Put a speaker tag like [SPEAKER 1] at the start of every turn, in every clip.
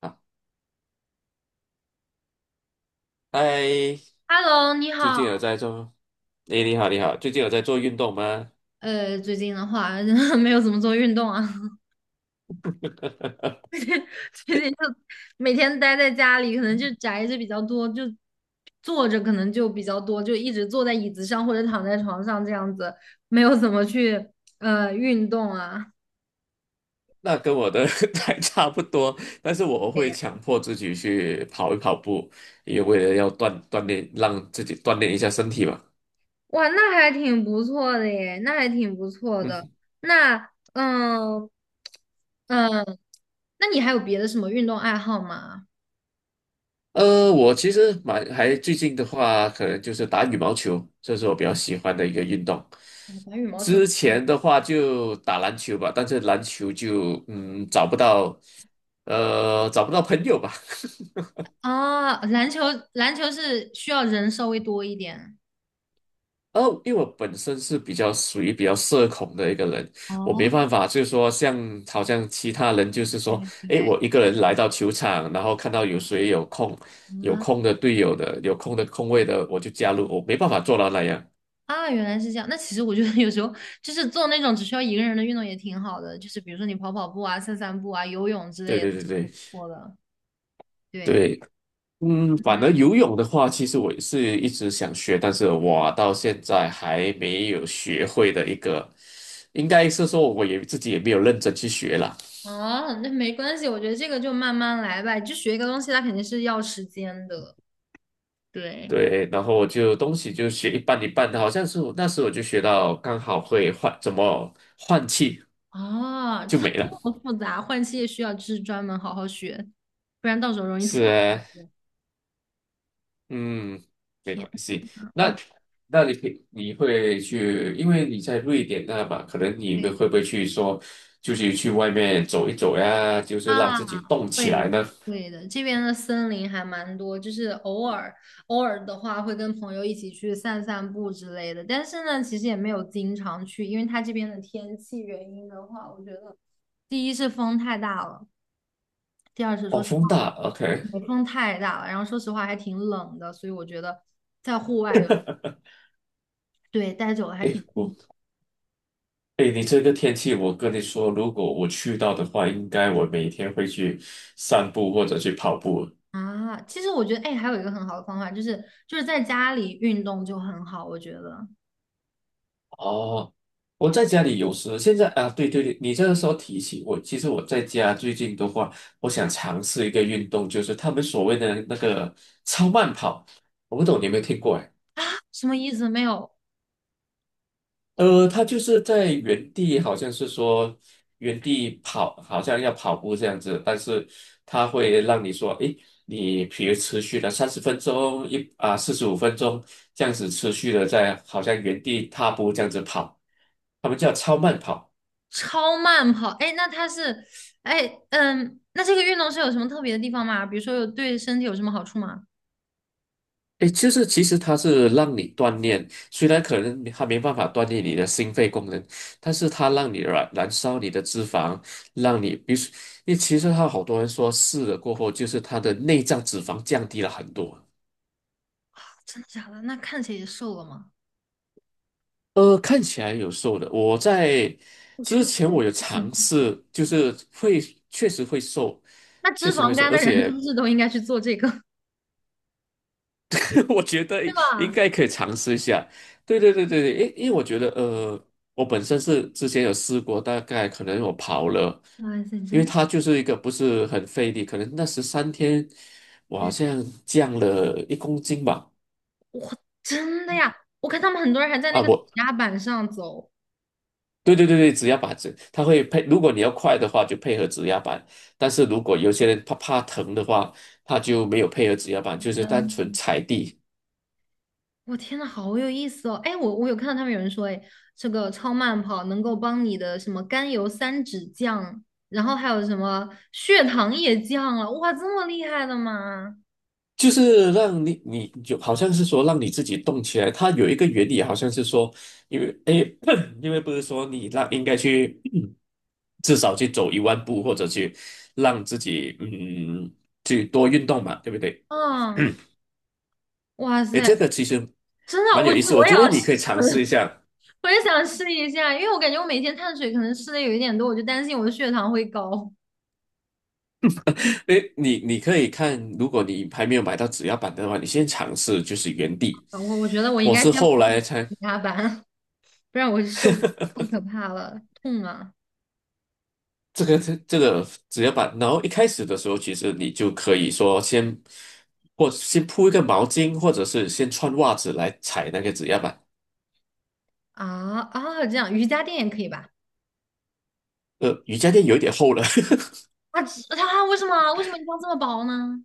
[SPEAKER 1] 啊，嗨，
[SPEAKER 2] Hello，你
[SPEAKER 1] 最近有
[SPEAKER 2] 好。
[SPEAKER 1] 在做？诶，你好，你好，最近有在做运动吗？
[SPEAKER 2] 最近的话 没有怎么做运动啊，
[SPEAKER 1] 呃
[SPEAKER 2] 最近就每天待在家里，可能就宅着比较多，就坐着可能就比较多，就一直坐在椅子上或者躺在床上这样子，没有怎么去运动啊。
[SPEAKER 1] 那跟我的 还差不多，但是我
[SPEAKER 2] 哎
[SPEAKER 1] 会
[SPEAKER 2] 呀
[SPEAKER 1] 强迫自己去跑一跑步，也为了要锻炼，让自己锻炼一下身体嘛。
[SPEAKER 2] 哇，那还挺不错的耶，那还挺不错的。
[SPEAKER 1] 嗯。
[SPEAKER 2] 那嗯嗯，那你还有别的什么运动爱好吗？
[SPEAKER 1] 我其实蛮还最近的话，可能就是打羽毛球，这是我比较喜欢的一个运动。
[SPEAKER 2] 哦打羽毛球。
[SPEAKER 1] 之前的话就打篮球吧，但是篮球就找不到，找不到朋友吧。
[SPEAKER 2] 啊，篮球是需要人稍微多一点。
[SPEAKER 1] 哦，因为我本身是比较属于比较社恐的一个人，我没
[SPEAKER 2] 哦，
[SPEAKER 1] 办法，就是说像好像其他人，就是说，诶，我
[SPEAKER 2] 对
[SPEAKER 1] 一个人来到球场，然后看到有谁有空，有
[SPEAKER 2] 啊
[SPEAKER 1] 空的队友的，有空的空位的，我就加入，我没办法做到那样。
[SPEAKER 2] 啊，原来是这样。那其实我觉得有时候就是做那种只需要一个人的运动也挺好的，就是比如说你跑跑步啊、散散步啊、游泳之
[SPEAKER 1] 对
[SPEAKER 2] 类的，
[SPEAKER 1] 对对
[SPEAKER 2] 挺
[SPEAKER 1] 对
[SPEAKER 2] 不错的。对，
[SPEAKER 1] 对。嗯，反
[SPEAKER 2] 嗯，
[SPEAKER 1] 而游泳的话，其实我是一直想学，但是我到现在还没有学会的一个，应该是说我也自己也没有认真去学啦。
[SPEAKER 2] 哦，那没关系，我觉得这个就慢慢来吧。就学一个东西，它肯定是要时间的。对，
[SPEAKER 1] 对，然后我就东西就学一半一半的，好像是我那时我就学到刚好会换怎么换气
[SPEAKER 2] 哦，
[SPEAKER 1] 就
[SPEAKER 2] 这
[SPEAKER 1] 没了。
[SPEAKER 2] 么复杂，换气也需要就是专门好好学，不然到时候容易翘
[SPEAKER 1] 是
[SPEAKER 2] 上
[SPEAKER 1] 啊。
[SPEAKER 2] 去。
[SPEAKER 1] 嗯，没
[SPEAKER 2] 天
[SPEAKER 1] 关系。
[SPEAKER 2] 呐，
[SPEAKER 1] 那
[SPEAKER 2] 那
[SPEAKER 1] 那你会去，因为你在瑞典那嘛，可能你们会
[SPEAKER 2] 对。
[SPEAKER 1] 不会去说，就是去外面走一走呀，就是让
[SPEAKER 2] 啊，
[SPEAKER 1] 自己动起
[SPEAKER 2] 会
[SPEAKER 1] 来呢？
[SPEAKER 2] 会的，这边的森林还蛮多，就是偶尔的话会跟朋友一起去散散步之类的，但是呢，其实也没有经常去，因为它这边的天气原因的话，我觉得第一是风太大了，第二是说
[SPEAKER 1] 哦，
[SPEAKER 2] 实
[SPEAKER 1] 风
[SPEAKER 2] 话
[SPEAKER 1] 大，OK。
[SPEAKER 2] 北风太大了，然后说实话还挺冷的，所以我觉得在户外有对待久了还
[SPEAKER 1] 诶，
[SPEAKER 2] 挺
[SPEAKER 1] 我诶，你这个天气，我跟你说，如果我去到的话，应该我每天会去散步或者去跑步。
[SPEAKER 2] 啊。其实我觉得哎，还有一个很好的方法就是在家里运动就很好，我觉得
[SPEAKER 1] 哦，我
[SPEAKER 2] 对
[SPEAKER 1] 在家里有时现在啊，对对对，你这个时候提起我，其实我在家最近的话，我想尝试一个运动，就是他们所谓的那个超慢跑，我不懂你有没有听过哎？
[SPEAKER 2] 什么意思没有？
[SPEAKER 1] 他就是在原地，好像是说原地跑，好像要跑步这样子，但是他会让你说，诶，你比如持续了三十分钟，四十五分钟这样子持续的在好像原地踏步这样子跑，他们叫超慢跑。
[SPEAKER 2] 超慢跑，哎，那它是，哎，嗯，那这个运动是有什么特别的地方吗？比如说有对身体有什么好处吗？
[SPEAKER 1] 诶，就是其实它是让你锻炼，虽然可能它没办法锻炼你的心肺功能，但是它让你燃烧你的脂肪，让你，比如说，因为其实它好多人说试了过后，就是它的内脏脂肪降低了很多。
[SPEAKER 2] 真的假的？那看起来也瘦了吗？
[SPEAKER 1] 看起来有瘦的，
[SPEAKER 2] 我
[SPEAKER 1] 之
[SPEAKER 2] 去，
[SPEAKER 1] 前我有
[SPEAKER 2] 神
[SPEAKER 1] 尝
[SPEAKER 2] 奇。
[SPEAKER 1] 试，就是会确实会瘦，
[SPEAKER 2] 那
[SPEAKER 1] 确
[SPEAKER 2] 脂
[SPEAKER 1] 实会
[SPEAKER 2] 肪
[SPEAKER 1] 瘦，
[SPEAKER 2] 肝
[SPEAKER 1] 而
[SPEAKER 2] 的人是
[SPEAKER 1] 且。
[SPEAKER 2] 不是都应该去做这个，
[SPEAKER 1] 我觉得
[SPEAKER 2] 对
[SPEAKER 1] 应应
[SPEAKER 2] 吧？
[SPEAKER 1] 该可以尝试一下。对对对对对，因为我觉得我本身是之前有试过，大概可能我跑了，
[SPEAKER 2] 哇塞，
[SPEAKER 1] 因为
[SPEAKER 2] 真
[SPEAKER 1] 它就是一个不是很费力，可能那13天我好
[SPEAKER 2] 对，
[SPEAKER 1] 像降了1公斤吧。
[SPEAKER 2] 真的呀！我看他们很多人还在那
[SPEAKER 1] 啊，
[SPEAKER 2] 个指压板上走。
[SPEAKER 1] 对对对对，指压板子，它会配，如果你要快的话就配合指压板，但是如果有些人怕疼的话，他就没有配合指压板，就是单纯踩地。
[SPEAKER 2] 我天呐，好有意思哦！哎，我有看到他们有人说，哎，这个超慢跑能够帮你的什么甘油三酯降，然后还有什么血糖也降了，哇，这么厉害的吗？
[SPEAKER 1] 就是让你，你就好像是说让你自己动起来。它有一个原理，好像是说，因为诶，因为不是说你让应该去，至少去走1万步，或者去让自己去多运动嘛，对不对？
[SPEAKER 2] 啊，哇
[SPEAKER 1] 诶，
[SPEAKER 2] 塞，
[SPEAKER 1] 这个其实
[SPEAKER 2] 真的，
[SPEAKER 1] 蛮有
[SPEAKER 2] 我
[SPEAKER 1] 意
[SPEAKER 2] 去，
[SPEAKER 1] 思，我
[SPEAKER 2] 我也
[SPEAKER 1] 觉得
[SPEAKER 2] 要
[SPEAKER 1] 你可以
[SPEAKER 2] 试
[SPEAKER 1] 尝试一下。
[SPEAKER 2] 我也想试一下，因为我感觉我每天碳水可能吃的有一点多，我就担心我的血糖会高，
[SPEAKER 1] 诶，你可以看，如果你还没有买到指压板的话，你先尝试就是原地。
[SPEAKER 2] 嗯我觉得我应
[SPEAKER 1] 我
[SPEAKER 2] 该
[SPEAKER 1] 是
[SPEAKER 2] 先不
[SPEAKER 1] 后
[SPEAKER 2] 上
[SPEAKER 1] 来才
[SPEAKER 2] 加班，不然我瘦太可怕了，痛啊
[SPEAKER 1] 这个只压板，然后一开始的时候，其实你就可以说先，或先铺一个毛巾，或者是先穿袜子来踩那个指压板。
[SPEAKER 2] 啊啊！这样瑜伽垫也可以吧？
[SPEAKER 1] 瑜伽垫有一点厚了，
[SPEAKER 2] 啊，其它为什么一定要这么薄呢？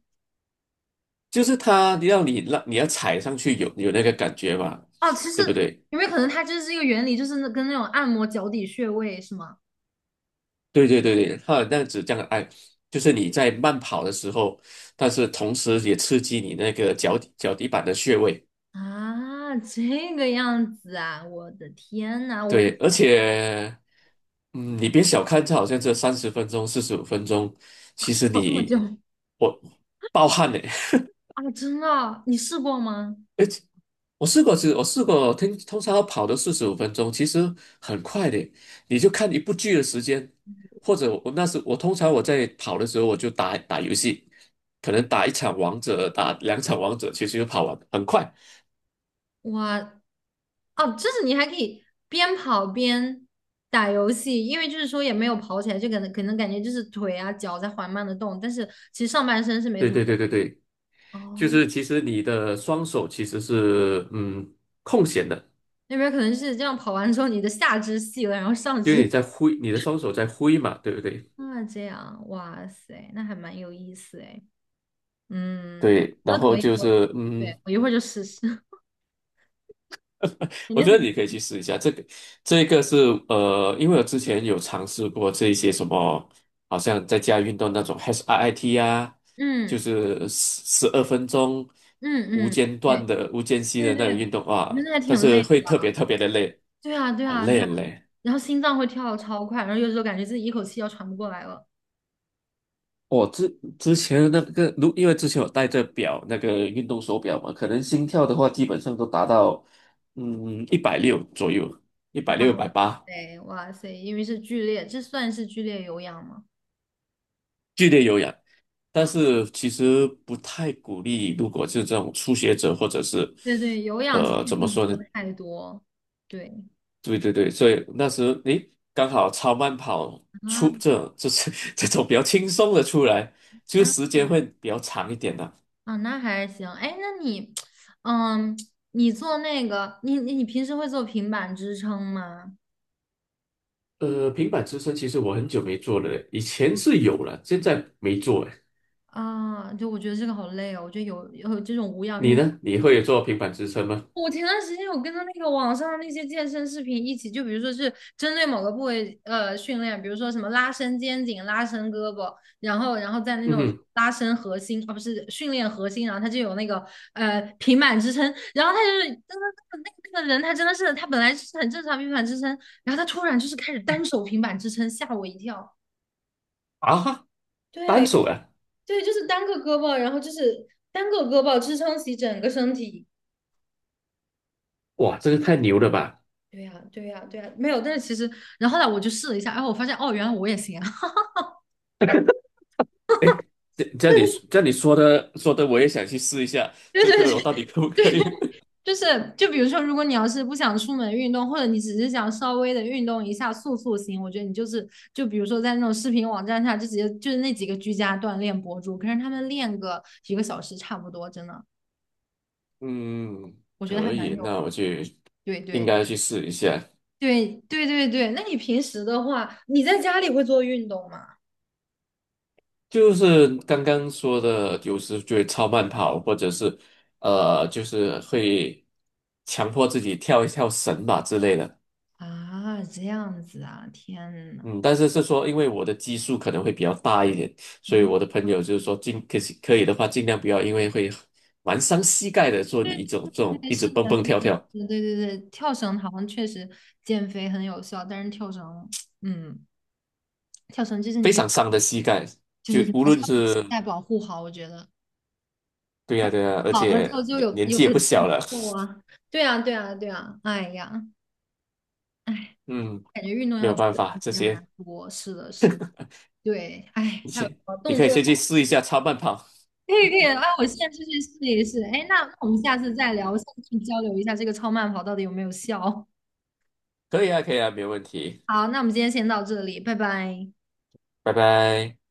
[SPEAKER 1] 就是它让你要踩上去有那个感觉嘛，
[SPEAKER 2] 哦，其实
[SPEAKER 1] 对不对？
[SPEAKER 2] 有没有可能它就是这个原理，就是那跟那种按摩脚底穴位是吗？
[SPEAKER 1] 对对对对，它那样子这样哎，就是你在慢跑的时候，但是同时也刺激你那个脚底板的穴位。
[SPEAKER 2] 啊，这个样子啊，我的天呐，我
[SPEAKER 1] 对，而 且，嗯，你别小看这好像这三十分钟、四十五分钟，其实
[SPEAKER 2] 跑这么久
[SPEAKER 1] 我暴汗的。
[SPEAKER 2] 啊，真的，你试过吗？
[SPEAKER 1] 我试过，其实我试过，通常要跑到四十五分钟，其实很快的。你就看一部剧的时间，或者我那时我通常我在跑的时候，我就打打游戏，可能打一场王者，打两场王者，其实就跑完，很快。
[SPEAKER 2] 哇，哦，就是你还可以边跑边打游戏，因为就是说也没有跑起来，就可能感觉就是腿啊脚在缓慢的动，但是其实上半身是没
[SPEAKER 1] 对
[SPEAKER 2] 怎么。
[SPEAKER 1] 对对对对，就
[SPEAKER 2] 哦，
[SPEAKER 1] 是其实你的双手其实是空闲的。
[SPEAKER 2] 那边可能是这样跑完之后，你的下肢细了，然后上
[SPEAKER 1] 因为
[SPEAKER 2] 肢
[SPEAKER 1] 你在挥，你的双手在挥嘛，对不对？
[SPEAKER 2] 啊，这样，哇塞，那还蛮有意思哎。嗯，
[SPEAKER 1] 对，
[SPEAKER 2] 觉
[SPEAKER 1] 然
[SPEAKER 2] 得可
[SPEAKER 1] 后
[SPEAKER 2] 以，
[SPEAKER 1] 就
[SPEAKER 2] 我
[SPEAKER 1] 是。嗯，
[SPEAKER 2] 对我一会儿就试试，感
[SPEAKER 1] 我
[SPEAKER 2] 觉
[SPEAKER 1] 觉
[SPEAKER 2] 很，
[SPEAKER 1] 得你可以去试一下这个，这个是因为我之前有尝试过这一些什么，好像在家运动那种 HIIT 啊，就
[SPEAKER 2] 嗯
[SPEAKER 1] 是12分钟
[SPEAKER 2] 嗯
[SPEAKER 1] 无
[SPEAKER 2] 嗯，
[SPEAKER 1] 间断
[SPEAKER 2] 对
[SPEAKER 1] 的、无间隙
[SPEAKER 2] 对
[SPEAKER 1] 的
[SPEAKER 2] 对
[SPEAKER 1] 那
[SPEAKER 2] 对，
[SPEAKER 1] 种运动
[SPEAKER 2] 我觉
[SPEAKER 1] 啊，
[SPEAKER 2] 得还
[SPEAKER 1] 但
[SPEAKER 2] 挺
[SPEAKER 1] 是
[SPEAKER 2] 累的。
[SPEAKER 1] 会特别特别的累，
[SPEAKER 2] 对啊对
[SPEAKER 1] 很
[SPEAKER 2] 啊对
[SPEAKER 1] 累
[SPEAKER 2] 啊，
[SPEAKER 1] 很累。
[SPEAKER 2] 然后心脏会跳的超快，然后有时候感觉自己一口气要喘不过来了。
[SPEAKER 1] 我之之前那个，因为之前我戴着表，那个运动手表嘛，可能心跳的话，基本上都达到一百六左右，一
[SPEAKER 2] 哇
[SPEAKER 1] 百六、180，
[SPEAKER 2] 塞哇塞，因为是剧烈，这算是剧烈有氧吗？
[SPEAKER 1] 剧烈有氧。
[SPEAKER 2] 啊，
[SPEAKER 1] 但是其实不太鼓励，如果是这种初学者或者是
[SPEAKER 2] 对对，有氧其实
[SPEAKER 1] 怎么说
[SPEAKER 2] 不能做
[SPEAKER 1] 呢？
[SPEAKER 2] 太多。对
[SPEAKER 1] 对对对，所以那时诶刚好超慢跑出
[SPEAKER 2] 啊
[SPEAKER 1] 这是 这种比较轻松的出来，就
[SPEAKER 2] 啊。
[SPEAKER 1] 时间会比较长一点的。
[SPEAKER 2] 啊，那还行。哎，那你，嗯，你做那个，你平时会做平板支撑吗？
[SPEAKER 1] 平板支撑其实我很久没做了嘞以前是有了，现在没做哎。
[SPEAKER 2] 啊，就我觉得这个好累哦。我觉得有这种无氧
[SPEAKER 1] 你
[SPEAKER 2] 运动。
[SPEAKER 1] 呢？你会做平板支撑吗？
[SPEAKER 2] 我前段时间有跟着那个网上那些健身视频一起，就比如说是针对某个部位训练，比如说什么拉伸肩颈、拉伸胳膊，然后再那
[SPEAKER 1] 嗯
[SPEAKER 2] 种
[SPEAKER 1] 哼。
[SPEAKER 2] 拉伸核心，啊不是训练核心，然后他就有那个平板支撑，然后他就是真的那个那个人他真的是他本来是很正常平板支撑，然后他突然就是开始单手平板支撑，吓我一跳。
[SPEAKER 1] 啊哈。单
[SPEAKER 2] 对
[SPEAKER 1] 手啊，
[SPEAKER 2] 对，就是单个胳膊，然后就是单个胳膊支撑起整个身体。
[SPEAKER 1] 哇，这个太牛了吧！
[SPEAKER 2] 对呀，对呀，对呀，没有。但是其实，然后后来我就试了一下，然后我发现，哦，原来我也行啊。
[SPEAKER 1] 哎，这样你这样你说的，我也想去试一下，
[SPEAKER 2] 对
[SPEAKER 1] 这个我
[SPEAKER 2] 对
[SPEAKER 1] 到底
[SPEAKER 2] 对，
[SPEAKER 1] 可不可以？
[SPEAKER 2] 就是，就比如说，如果你要是不想出门运动，或者你只是想稍微的运动一下塑塑形，我觉得你就是就比如说在那种视频网站上，就直接就是那几个居家锻炼博主，可是他们练个几个小时差不多，真的，
[SPEAKER 1] 嗯，
[SPEAKER 2] 我觉得还
[SPEAKER 1] 可
[SPEAKER 2] 蛮
[SPEAKER 1] 以，
[SPEAKER 2] 有。
[SPEAKER 1] 那
[SPEAKER 2] 对
[SPEAKER 1] 应
[SPEAKER 2] 对
[SPEAKER 1] 该去试一下。
[SPEAKER 2] 对对对对。那你平时的话，你在家里会做运动吗？
[SPEAKER 1] 就是刚刚说的，有时就会超慢跑，或者是就是会强迫自己跳一跳绳吧之类的。
[SPEAKER 2] 啊，这样子啊，天呐。
[SPEAKER 1] 嗯，但是是说，因为我的基数可能会比较大一点，所以我的
[SPEAKER 2] 啊
[SPEAKER 1] 朋友就是说尽可以的话，尽量不要，因为会蛮伤膝盖的。做你一种这种
[SPEAKER 2] 对，
[SPEAKER 1] 一直
[SPEAKER 2] 是的，
[SPEAKER 1] 蹦
[SPEAKER 2] 是的
[SPEAKER 1] 蹦
[SPEAKER 2] 是
[SPEAKER 1] 跳跳，
[SPEAKER 2] 的对对对，跳绳好像确实减肥很有效，但是跳绳，嗯，跳绳就是
[SPEAKER 1] 非
[SPEAKER 2] 你运
[SPEAKER 1] 常伤的膝盖。
[SPEAKER 2] 就
[SPEAKER 1] 就
[SPEAKER 2] 是
[SPEAKER 1] 无
[SPEAKER 2] 还是
[SPEAKER 1] 论
[SPEAKER 2] 要膝
[SPEAKER 1] 是
[SPEAKER 2] 盖保护好，我觉得
[SPEAKER 1] 对呀、对呀、而
[SPEAKER 2] 老了之后
[SPEAKER 1] 且
[SPEAKER 2] 就有
[SPEAKER 1] 年
[SPEAKER 2] 有
[SPEAKER 1] 纪也
[SPEAKER 2] 的
[SPEAKER 1] 不小
[SPEAKER 2] 动
[SPEAKER 1] 了，
[SPEAKER 2] 作啊，对啊，对啊，对啊，哎呀，哎，
[SPEAKER 1] 嗯，
[SPEAKER 2] 感觉运动
[SPEAKER 1] 没
[SPEAKER 2] 要
[SPEAKER 1] 有
[SPEAKER 2] 注
[SPEAKER 1] 办
[SPEAKER 2] 意的
[SPEAKER 1] 法，
[SPEAKER 2] 东
[SPEAKER 1] 这
[SPEAKER 2] 西还
[SPEAKER 1] 些
[SPEAKER 2] 蛮多，是的，是的，对，哎，
[SPEAKER 1] 你
[SPEAKER 2] 还有什
[SPEAKER 1] 先
[SPEAKER 2] 么
[SPEAKER 1] 你
[SPEAKER 2] 动
[SPEAKER 1] 可以
[SPEAKER 2] 作
[SPEAKER 1] 先去
[SPEAKER 2] 要
[SPEAKER 1] 试一下超慢跑，
[SPEAKER 2] 可以可以，哎，我现在就去试一试，哎，那那我们下次再聊，下次去交流一下这个超慢跑到底有没有效。
[SPEAKER 1] 可以啊可以啊，没有问题，
[SPEAKER 2] 好，那我们今天先到这里，拜拜。
[SPEAKER 1] 拜拜。